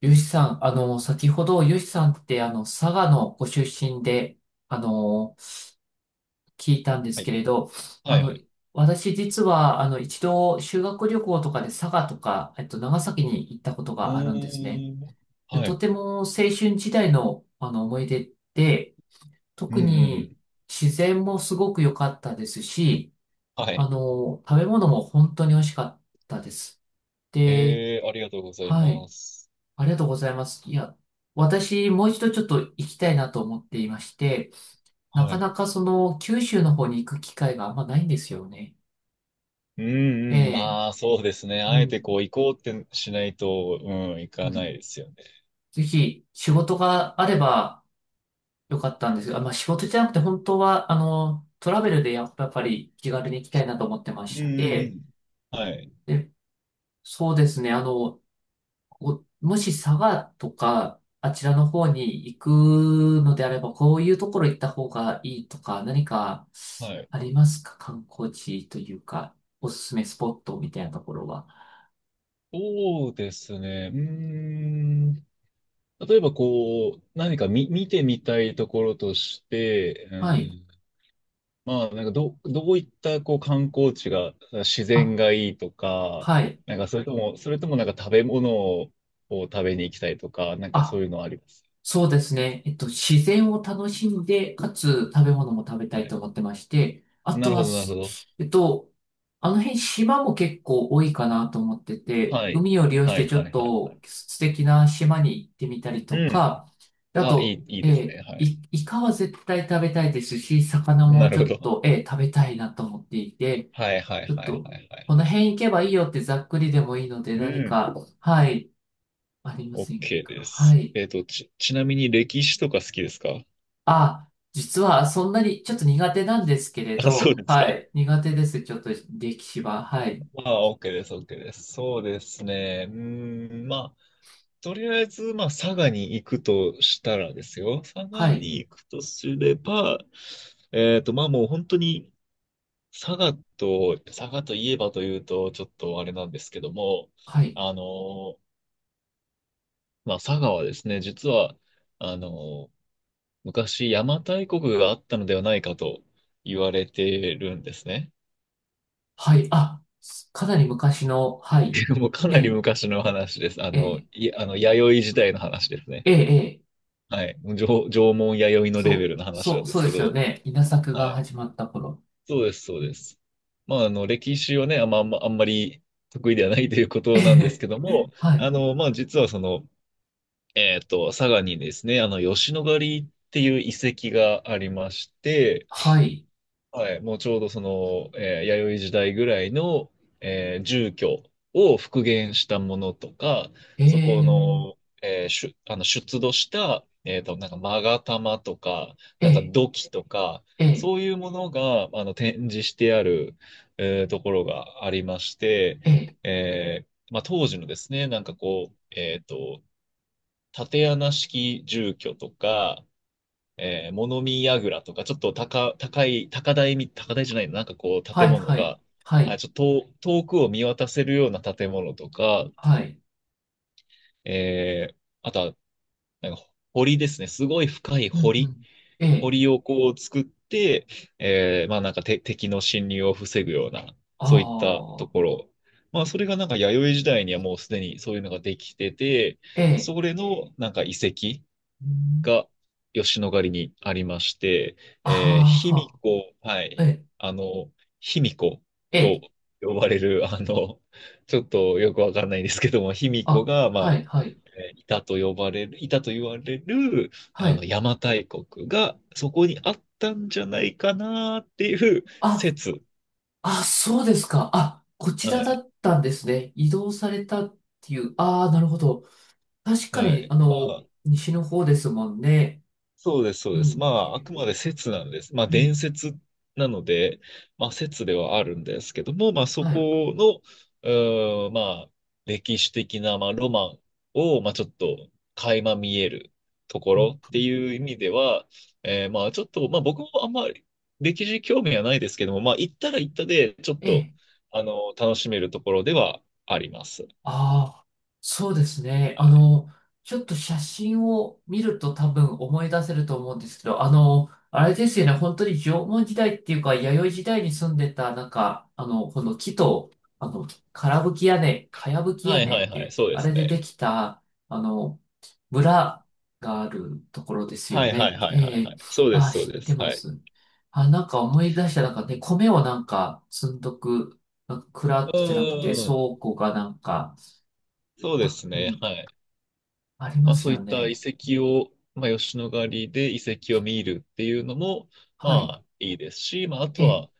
ゆうしさん、先ほどゆうしさんって佐賀のご出身で、あの、聞いたんですはけい。れど、はあいはの、い。私実は一度修学旅行とかで佐賀とか、長崎に行ったことうがあるんですね。ーん。ではとい。ても青春時代の思い出で、う特んうんうにん。自然もすごく良かったですし、はい。食べ物も本当に美味しかったです。で、ありがとうございはい。ます。ありがとうございます。いや、私、もう一度ちょっと行きたいなと思っていまして、なはかい。なかその、九州の方に行く機会があんまないんですよね。うん。うえんうん。え、まあ、そうですね。うあえてこん、う、行こうってしないと、うん、行うかないん。ですよね。ぜひ、仕事があればよかったんですが、まあ仕事じゃなくて、本当は、トラベルでやっぱり気軽に行きたいなと思ってまうんしうんうて、ん。はい。で、そうですね、こう、もし佐賀とか、あちらの方に行くのであれば、こういうところ行った方がいいとか、何かはい。ありますか？観光地というか、おすすめスポットみたいなところは。そうですね。うーん。例えば、こう、何か見てみたいところとして、うはい。ん。まあ、なんかどういったこう観光地が、自あ、然がいいとか、はい。なんかそれともなんか食べ物を食べに行きたいとか、なんかそあ、ういうのあります？そうですね。自然を楽しんで、かつ食べ物も食べたはいとい。思ってまして、あなとるはほど、なるほす、ど。えっと、辺島も結構多いかなと思ってて、はい。海を利用しはてい、ちはょい、っはい、はとい。素敵な島に行ってみたりうとん。か、ああ、と、いいですね。はい。イカは絶対食べたいですし、魚もなるちほょっど。と、食べたいなと思っていて、はい、はちい、ょっはい、と、はい、はい、このはい。辺行けばいいよってざっくりでもいいのでう何ん。か、はい、ありません OK でか？はす。い。ちなみに歴史とか好きですか？あ、実はそんなにちょっと苦手なんですけれあ、そうど、ですはか。い。苦手です。ちょっと歴史は。はい。まあ、OK です、OK です。そうですね。うーん、まあ、とりあえず、まあ、佐賀に行くとしたらですよ。佐賀はい。に行くとすれば、まあもう本当に、佐賀といえばというと、ちょっとあれなんですけども、はい。あの、まあ佐賀はですね、実は、あの、昔邪馬台国があったのではないかと言われてるんですね。はい。あ、すかなり昔の、はい。もうかえなりえ、昔の話です。あえの、え、い、あの、弥生時代の話ですね。ええ、ええはい。もう縄文弥生のレベルの話なんでそうすでけすよど、ね。稲作はがい。始まった頃。そうです、そうです。まあ、歴史はね、あんまり得意ではないというこえとなんですえ、けども、はい。まあ、実はその、佐賀にですね、吉野ヶ里っていう遺跡がありまして、はい。はい、もうちょうどその、弥生時代ぐらいの、住居を復元したものとか、えそこえ、の、えー出あの出土した、なんか勾玉とか、えなんかえ、土器とか、ええ、そういうものが展示してある、ところがありまして、ええ、まあ、当時のですね、なんかこう、竪穴式住居とか、物見櫓とか、ちょっと高、高い、高台み、高台じゃないの、なんかこうは建い、物はい。が、はあ、い。ちょっと遠くを見渡せるような建物とか、はい。えー、あとは、なんか堀ですね。すごい深いうん、う堀。ん。ええ、堀をこう作って、まあなんか敵の侵入を防ぐような、あそういったとあ、ころ。まあそれがなんか弥生時代にはもうすでにそういうのができてて、ええ、それのなんか遺跡。うんが吉野ヶ里にありまして、卑あ弥呼、はあ、えい、え、あの、卑弥呼とええ呼ばれる、ちょっとよくわかんないんですけども、卑弥呼あ、が、まはあ、い、はい、いたと言われる、はい。邪馬台国がそこにあったんじゃないかなっていうあ、説。あ、そうですか。あ、こちはらだい。ったんですね。移動されたっていう。ああ、なるほど。確かはに、い。まあ、西の方ですもんね。そうです、そううです。まん、あ、あくまで説なんです。まあ、うん、伝説なので、まあ、説ではあるんですけども、まあ、そはい。この、まあ、歴史的な、まあ、ロマンを、まあ、ちょっと、垣間見えるとこうん、ろっていう意味では、まあ、ちょっと、まあ、僕もあんまり歴史興味はないですけども、まあ、行ったら行ったで、ちょっえと、え楽しめるところではあります。ああ、そうですね。はい、ちょっと写真を見ると多分思い出せると思うんですけど、あれですよね、本当に縄文時代っていうか、弥生時代に住んでた、なんか、この木と、かやぶきは屋い、根はっい、ていはい、う、そうであすれででね。きた、あの、村があるところですはよい、はい、ね。はい、はえい、はえい。そうであす、あ、そう知っでてす。まはい。す。あ、なんか思い出した、なんかね、米をなんか積んどく、なんか蔵うんじゃなくてうんうん。倉庫がなんか、そうですうね。ん、はい。ありままあすそういよった遺ね。跡を、まあ吉野ヶ里で遺跡を見るっていうのも、まはい。あいいですし、まああとえ、は、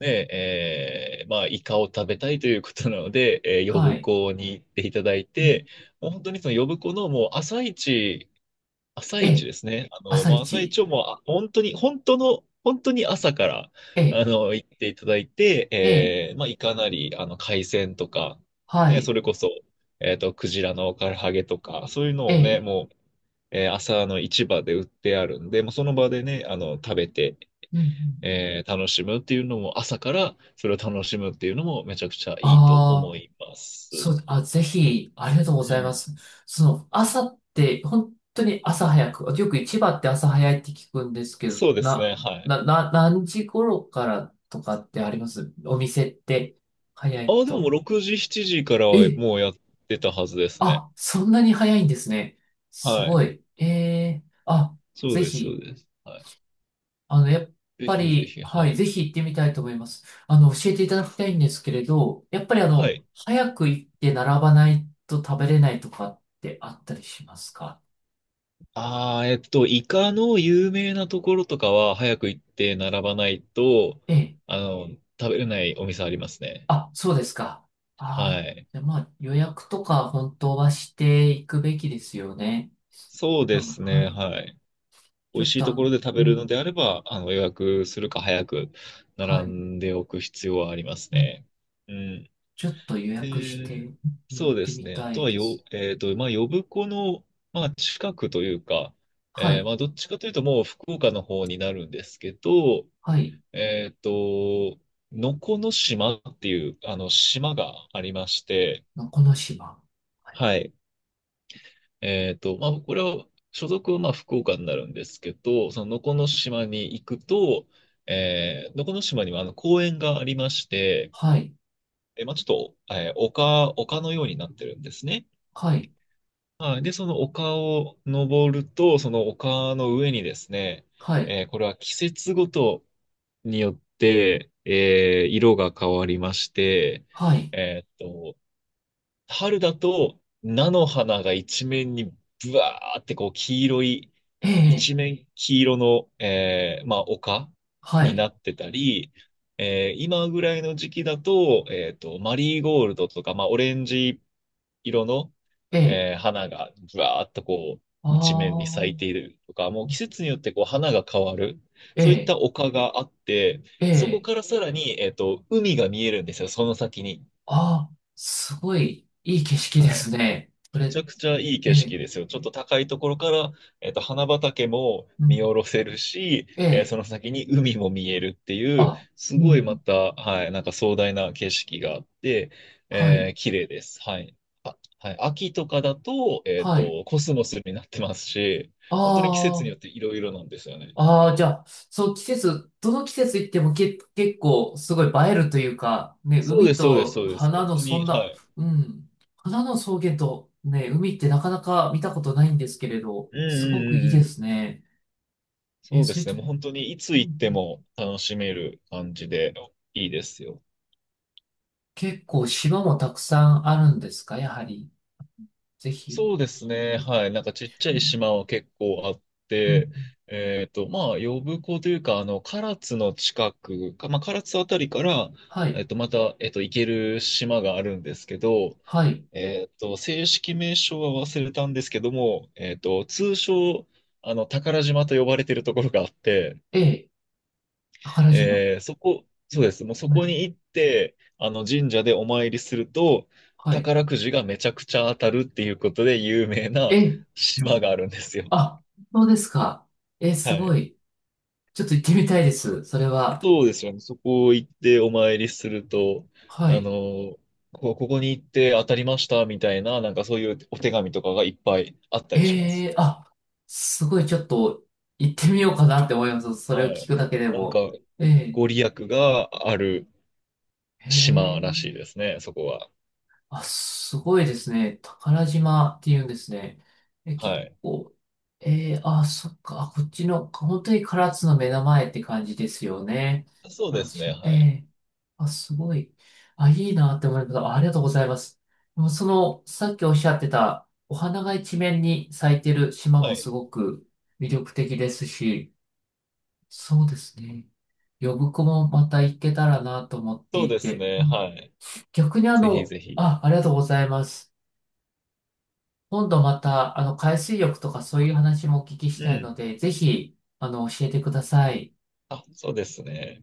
ね、まあイカを食べたいということなので、は呼い。子に行っていただいうん、て、もう本当にその呼子のもう朝一え、ですね。朝まあ、朝一。一をもう、本当に朝から、え、行っていただいて、え、まあ、いかなり、海鮮とか、はね、そい。れこそ、クジラの唐揚げとか、そういうのをね、え、もう、朝の市場で売ってあるんで、もうその場でね、食べて、うん、うん。楽しむっていうのも、朝からそれを楽しむっていうのも、めちゃくちゃいいとあ思あ、います。そう、あ、ぜひ、ありがとうごうざいまん。す。その、朝って、本当に朝早く、よく市場って朝早いって聞くんですけど、そうですな、ね、はい。な、な、何時頃からとかってありますお店って、早あいあ、でももうと。6時、7時からはえもうやってたはずですね。あ、そんなに早いんですね。すはい。ごい。ええあ、そうぜです、そうひ、です。はやっい。ぜぱひぜり、ひ、ははい、ぜい。ひ行ってみたいと思います。教えていただきたいんですけれど、やっぱりはい。早く行って並ばないと食べれないとかってあったりしますか？ああ、イカの有名なところとかは早く行って並ばないと、ええ。あの、食べれないお店ありますね。あ、そうですか。あはあい。じゃあまあ、予約とか本当はしていくべきですよね。そう多で分、すはね、い。はい。美ちょ味っしいとあとこの、ろで食うべるのん、であれば、予約するか早くは並い。んでおく必要はありますうんね。うん。ちょっと予え約してー行っそうでてすみね。あたといはでよ、す。えっと、まあ、呼子の、まあ、近くというか、はまい、あ、どっちかというと、もう福岡の方になるんですけど、はい、えっと、能古の島っていう、島がありまして、のこの島。はい、はい。まあ、これは、所属はまあ、福岡になるんですけど、その能古の島に行くと、能古の島には、公園がありまして、はい、まあ、ちょっと、丘のようになってるんですね。ははい。で、その丘を登ると、その丘の上にですね、い、これは季節ごとによって、色が変わりまして、はい、えーっと、春だと菜の花が一面にブワーってこう黄色い、え一え、面黄色の、まあ丘はにない、ってたり、今ぐらいの時期だと、マリーゴールドとか、まあオレンジ色の、ええ、花がぶわーっとこう、あ一面に咲いていあ、るとか、もう季節によってこう花が変わる、えそういっえ、た丘があって、えそこえ、からさらに、海が見えるんですよ、その先に。ああ、すごいいい景色ではい。すね。こめちれ、ゃくちゃいいえ景え、色ですよ。ちょっと高いところから、花畑もう見ん、下ろせるし、えそえ、の先に海も見えるっていう、あ、すうごいまん、た、はい、なんか壮大な景色があって、はい、綺麗です。はい。あ、はい。秋とかだと、はい、コスモスになってますし、あ本当に季節にあ、よっていろいろなんですよね。ああ、じゃあ、そう、季節、どの季節行ってもけ、結構すごい映えるというか、ね、そうで海す、そうです、とそうです。花本の当そに、んはな、い。うん、花の草原とね、海ってなかなか見たことないんですけれど、うんうすごくんういいんうでん。すね。え、そうでそういすうね。とこ、もう本当にいつう行ってんも楽しめる感じでいいですよ。結構島もたくさんあるんですか、やはり。ぜひ、そうですね。いはい。なんかちっちゃういん島は結構あっうんて、まあ、呼子というか、唐津の近くか、まあ、唐津あたりから、はい、また、行ける島があるんですけど、はい、正式名称は忘れたんですけども、通称、宝島と呼ばれてるところがあって、ええ、宝島。そこ、そうです。もうそはこい、に行って、あの神社でお参りすると、はい。宝くじがめちゃくちゃ当たるっていうことで有名なえ、島があるんですよ。あ、そうですか。え、すはごい。い。ちょっと行ってみたいです。それは。そうですよね。そこ行ってお参りすると、はあい。の、ここに行って当たりましたみたいな、なんかそういうお手紙とかがいっぱいあったりしまえす。えあ、すごいちょっと行ってみようかなって思います。それをは聞い。くだけでなんか、も。えごえ利益があるへ島らしいえですね、そこは。あ、すごいですね。宝島っていうんですね。え、は結い。構、あ、そっか、あこっちの、本当に唐津の目の前って感じですよね。そう唐で津すね、市、えはい。えあ、すごい。あ、いいなって思います。あありがとうございます。でもその、さっきおっしゃってた、お花が一面に咲いてる島はもすい。ごく魅力的ですし、そうですね。呼子もまた行けたらなと思ってそういですて、ね、うはんい。逆にぜひぜひ。あ、ありがとうございます。今度また、海水浴とかそういう話もお聞きしうたいのん。で、ぜひ、教えてください。あ、そうですね。